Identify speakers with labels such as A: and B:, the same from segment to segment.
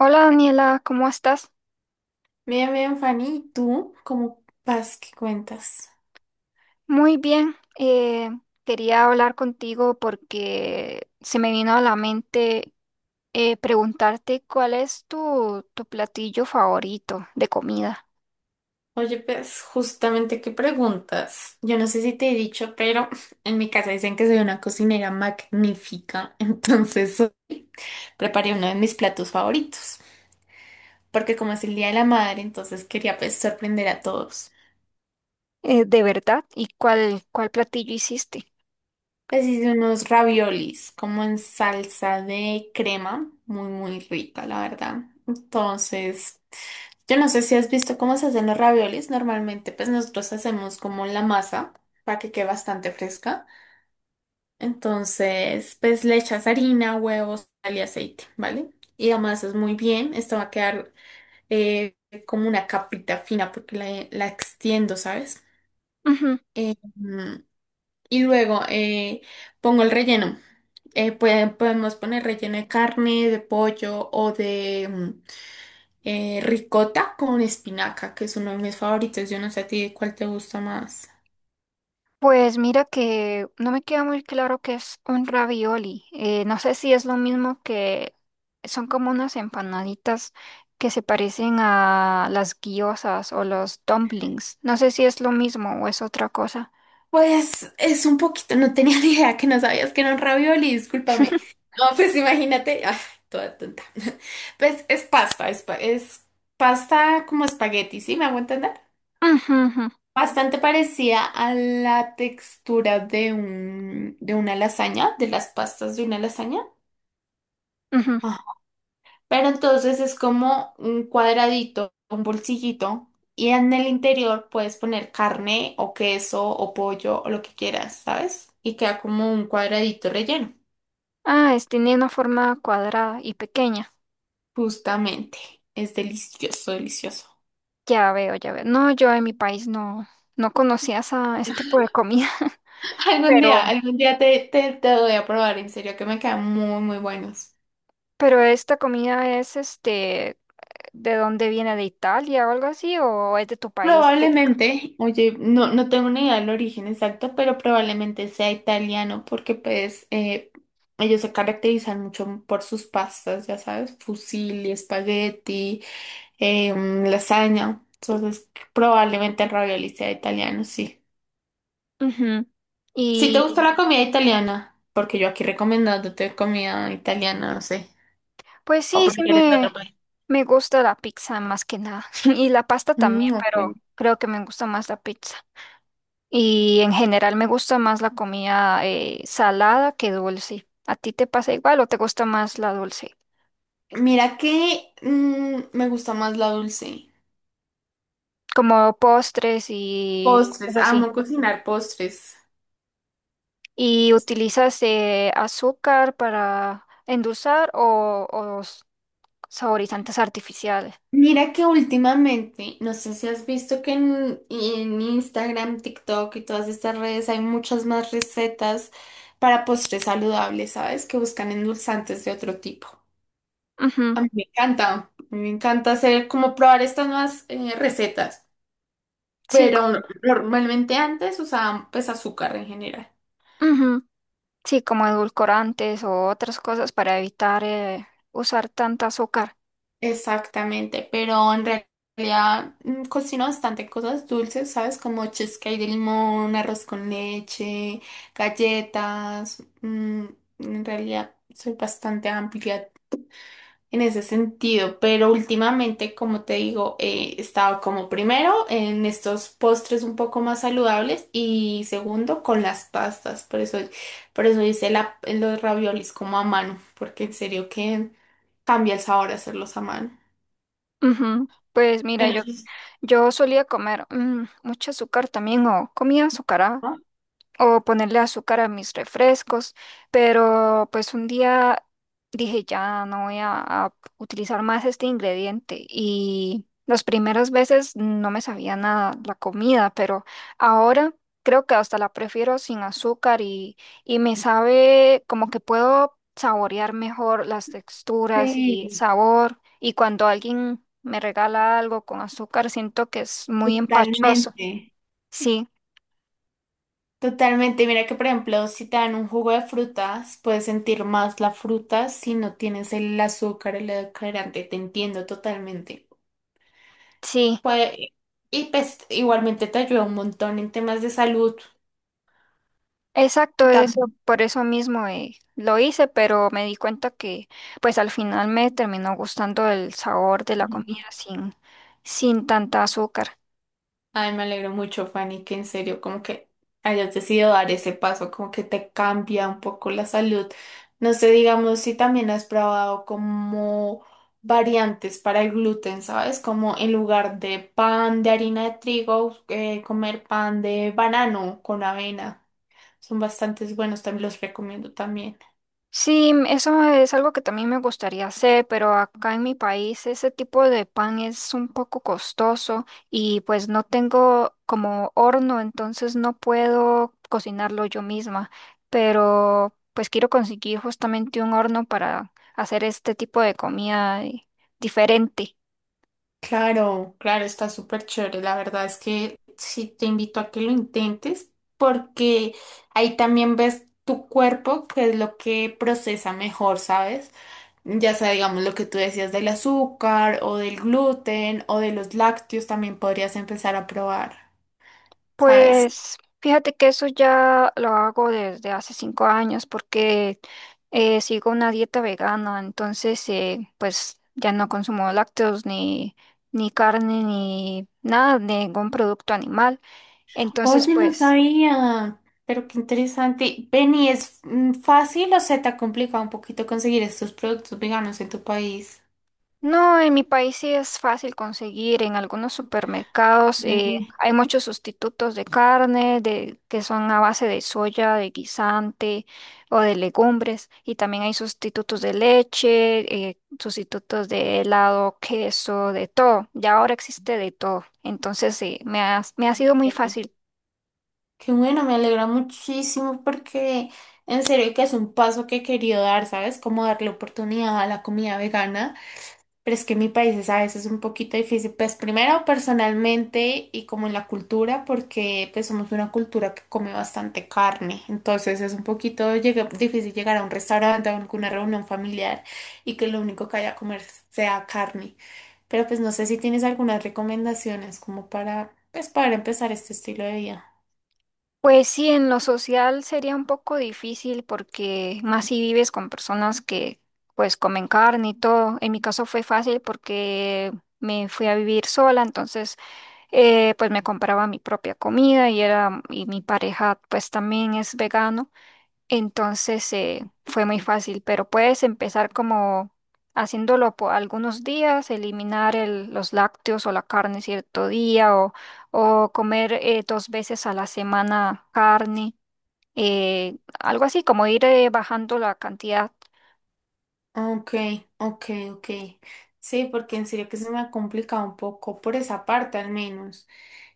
A: Hola Daniela, ¿cómo estás?
B: Bien, bien, Fanny, ¿y tú cómo vas? ¿Qué cuentas?
A: Muy bien. Quería hablar contigo porque se me vino a la mente preguntarte cuál es tu platillo favorito de comida.
B: Oye, pues justamente qué preguntas. Yo no sé si te he dicho, pero en mi casa dicen que soy una cocinera magnífica. Preparé uno de mis platos favoritos, porque como es el Día de la Madre, entonces quería pues sorprender a todos.
A: ¿De verdad? Y ¿cuál platillo hiciste?
B: Pues hice unos raviolis como en salsa de crema, muy, muy rica, la verdad. Entonces... Yo no sé si has visto cómo se hacen los raviolis. Normalmente, pues nosotros hacemos como la masa para que quede bastante fresca. Entonces, pues le echas harina, huevos, sal y aceite, ¿vale? Y amasas muy bien. Esto va a quedar eh, como una capita fina porque la extiendo, ¿sabes? Mm, y luego Pongo el relleno. Podemos poner relleno de carne, de pollo o de ricota con espinaca, que es uno de mis favoritos. Yo no sé a ti cuál te gusta más.
A: Pues mira que no me queda muy claro qué es un ravioli. No sé si es lo mismo que son como unas empanaditas que se parecen a las guiosas o los dumplings. No sé si es lo mismo o es otra cosa.
B: Pues es un poquito, no tenía ni idea que no sabías que era un ravioli, discúlpame. No, pues imagínate, toda tonta. Pues es pasta, es pasta como espagueti, ¿sí? ¿Me hago entender?
A: Ujú, ujú,
B: Bastante parecida a la textura de un, de una lasaña, de las pastas de una lasaña.
A: ujú.
B: Pero entonces es como un cuadradito, un bolsillito, y en el interior puedes poner carne o queso o pollo o lo que quieras, ¿sabes? Y queda como un cuadradito relleno.
A: Ah, es, tiene una forma cuadrada y pequeña.
B: Justamente. Es delicioso, delicioso.
A: Ya veo, ya veo. No, yo en mi país no conocía ese tipo de comida. pero,
B: Algún día te doy a probar, en serio, que me quedan muy, muy buenos.
A: pero esta comida es este, ¿de dónde viene? ¿De Italia o algo así? ¿O es de tu país típica?
B: Probablemente, oye, no, no tengo ni idea del origen exacto, pero probablemente sea italiano porque pues ellos se caracterizan mucho por sus pastas, ya sabes, fusilli, espagueti, lasaña. Entonces, probablemente el ravioli sea italiano, sí.
A: Ujú.
B: Si te
A: Y
B: gusta la comida italiana, porque yo aquí recomendándote comida italiana, no sé,
A: pues
B: o
A: sí, sí
B: prefieres de otro
A: me,
B: país.
A: me gusta la pizza más que nada. Y la pasta también,
B: Mm,
A: pero
B: ok.
A: creo que me gusta más la pizza. Y en general me gusta más la comida salada que dulce. ¿A ti te pasa igual o te gusta más la dulce?
B: Mira que me gusta más la dulce.
A: Como postres y
B: Postres,
A: cosas así.
B: amo cocinar postres.
A: ¿Y utilizas azúcar para endulzar o, saborizantes artificiales?
B: Mira que últimamente, no sé si has visto que en Instagram, TikTok y todas estas redes hay muchas más recetas para postres saludables, ¿sabes? Que buscan endulzantes de otro tipo.
A: Ujú.
B: A mí me encanta, a mí me encanta hacer como probar estas nuevas recetas,
A: Sí,
B: pero
A: como,
B: normalmente antes usaban pues azúcar en general.
A: ujú. Sí, como edulcorantes o otras cosas para evitar usar tanta azúcar.
B: Exactamente, pero en realidad cocino bastante cosas dulces, ¿sabes? Como cheesecake de limón, arroz con leche, galletas. En realidad soy bastante amplia en ese sentido, pero últimamente, como te digo, he estado como primero en estos postres un poco más saludables y segundo con las pastas. Por eso los raviolis como a mano, porque en serio que cambia el sabor hacerlos a mano.
A: Ujú. Pues
B: Yo
A: mira,
B: no sé si...
A: yo solía comer mucho azúcar también o comía azúcar,
B: ¿no?
A: o ponerle azúcar a mis refrescos, pero pues un día dije, ya no voy a utilizar más este ingrediente, y las primeras veces no me sabía nada la comida, pero ahora creo que hasta la prefiero sin azúcar, y me sabe como que puedo saborear mejor las texturas y
B: Sí,
A: sabor, y cuando alguien me regala algo con azúcar siento que es muy empachoso.
B: totalmente,
A: Sí,
B: totalmente. Mira que, por ejemplo, si te dan un jugo de frutas, puedes sentir más la fruta si no tienes el azúcar, el edulcorante. Te entiendo totalmente.
A: sí.
B: Puede... y pues igualmente te ayuda un montón en temas de salud.
A: Exacto, eso, por eso mismo lo hice, pero me di cuenta que pues al final me terminó gustando el sabor de la
B: También.
A: comida sin tanta azúcar.
B: Ay, me alegro mucho, Fanny, que en serio, como que hayas decidido dar ese paso, como que te cambia un poco la salud. No sé, digamos, si también has probado como variantes para el gluten, ¿sabes? Como en lugar de pan de harina de trigo, comer pan de banano con avena. Son bastantes buenos, también los recomiendo también.
A: Sí, eso es algo que también me gustaría hacer, pero acá en mi país ese tipo de pan es un poco costoso y pues no tengo como horno, entonces no puedo cocinarlo yo misma, pero pues quiero conseguir justamente un horno para hacer este tipo de comida diferente.
B: Claro, claro, está súper chévere. La verdad es que sí te invito a que lo intentes porque ahí también ves tu cuerpo, que es lo que procesa mejor, ¿sabes? Ya sea, digamos, lo que tú decías del azúcar o del gluten o de los lácteos, también podrías empezar a probar, ¿sabes?
A: Pues fíjate que eso ya lo hago desde hace 5 años porque sigo una dieta vegana, entonces pues ya no consumo lácteos ni carne ni nada, ningún producto animal. Entonces
B: Oye, no
A: pues
B: sabía, pero qué interesante. Benny, ¿es fácil o se te ha complicado un poquito conseguir estos productos veganos en tu país?
A: no, en mi país sí es fácil conseguir. En algunos supermercados hay muchos sustitutos de carne, que son a base de soya, de guisante o de legumbres. Y también hay sustitutos de leche, sustitutos de helado, queso, de todo. Ya ahora existe de todo. Entonces sí, me ha sido muy
B: Eh,
A: fácil.
B: Qué bueno, me alegra muchísimo porque en serio que es un paso que he querido dar, ¿sabes? Como darle oportunidad a la comida vegana, pero es que en mi país es a veces un poquito difícil, pues primero personalmente y como en la cultura, porque pues somos una cultura que come bastante carne, entonces es un poquito difícil llegar a un restaurante a alguna reunión familiar y que lo único que haya a comer sea carne, pero pues no sé si tienes algunas recomendaciones como para, pues para empezar este estilo de vida.
A: Pues sí, en lo social sería un poco difícil porque más si vives con personas que pues comen carne y todo. En mi caso fue fácil porque me fui a vivir sola, entonces pues me compraba mi propia comida, y era y mi pareja pues también es vegano. Entonces fue muy fácil, pero puedes empezar como haciéndolo por algunos días, eliminar los lácteos o la carne cierto día, o comer dos veces a la semana carne, algo así como ir bajando la cantidad.
B: Ok, ok, ok. Sí, porque en serio que se me ha complicado un poco por esa parte al menos.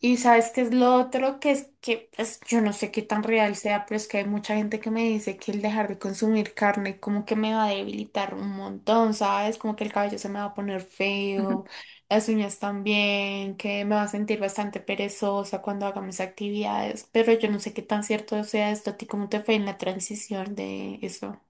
B: Y sabes qué es lo otro que es que pues, yo no sé qué tan real sea, pero es que hay mucha gente que me dice que el dejar de consumir carne como que me va a debilitar un montón, ¿sabes? Como que el cabello se me va a poner feo, las uñas también, que me va a sentir bastante perezosa cuando haga mis actividades, pero yo no sé qué tan cierto sea esto. ¿A ti cómo te fue en la transición de eso?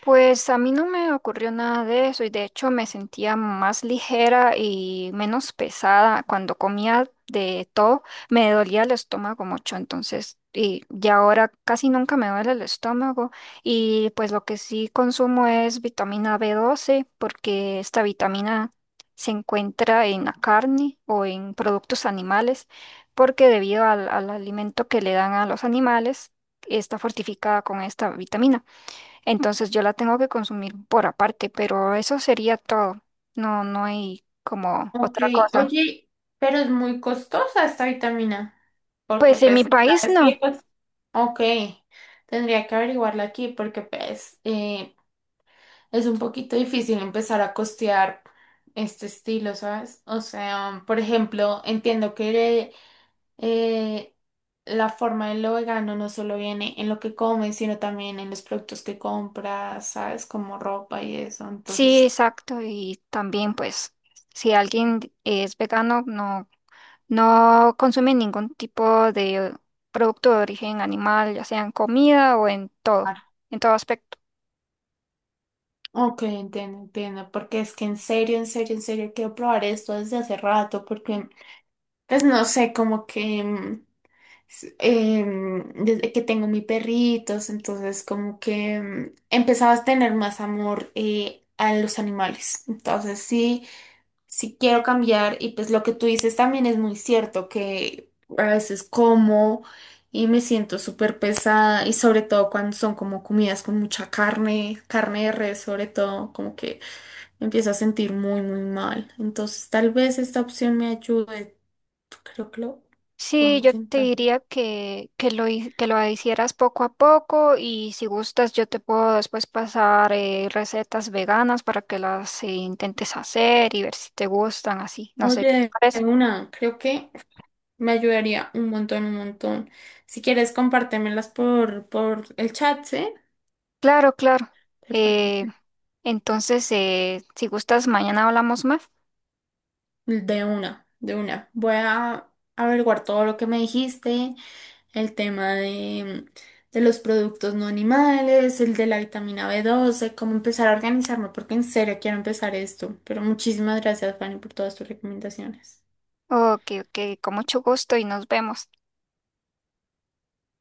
A: Pues a mí no me ocurrió nada de eso, y de hecho me sentía más ligera y menos pesada cuando comía de todo. Me dolía el estómago mucho, entonces, y ya ahora casi nunca me duele el estómago, y pues lo que sí consumo es vitamina B12, porque esta vitamina se encuentra en la carne o en productos animales, porque debido al alimento que le dan a los animales, está fortificada con esta vitamina. Entonces yo la tengo que consumir por aparte, pero eso sería todo. No, no hay como
B: Ok,
A: otra cosa.
B: oye, pero es muy costosa esta vitamina, porque
A: Pues en mi
B: pues,
A: país
B: ¿sabes
A: no.
B: qué? Pues, ok, tendría que averiguarla aquí porque pues es un poquito difícil empezar a costear este estilo, ¿sabes? O sea, por ejemplo, entiendo que eh, la forma de lo vegano no solo viene en lo que comes, sino también en los productos que compras, ¿sabes? Como ropa y eso,
A: Sí,
B: entonces...
A: exacto. Y también pues si alguien es vegano, no, no consume ningún tipo de producto de origen animal, ya sea en comida o en todo aspecto.
B: Ok, entiendo, entiendo, porque es que en serio, en serio, en serio quiero probar esto desde hace rato, porque pues no sé, como que desde que tengo mis perritos, entonces como que empezaba a tener más amor a los animales, entonces sí, sí quiero cambiar y pues lo que tú dices también es muy cierto, que a veces como y me siento súper pesada y sobre todo cuando son como comidas con mucha carne, carne de res sobre todo, como que me empiezo a sentir muy, muy mal. Entonces, tal vez esta opción me ayude. Creo que lo puedo
A: Sí, yo te
B: intentar.
A: diría que lo hicieras poco a poco, y si gustas yo te puedo después pasar recetas veganas para que las intentes hacer y ver si te gustan así. No sé qué te
B: Oye,
A: parece.
B: una, creo que me ayudaría un montón, un montón. Si quieres, compártemelas por el chat, ¿sí?
A: Claro, claro.
B: ¿Te
A: Eh,
B: parece?
A: entonces, si gustas, mañana hablamos más.
B: De una, de una. Voy a averiguar todo lo que me dijiste. El tema de los productos no animales, el de la vitamina B12 cómo empezar a organizarme, porque en serio quiero empezar esto. Pero muchísimas gracias, Fanny, por todas tus recomendaciones.
A: Ok, ok, con mucho gusto y nos vemos.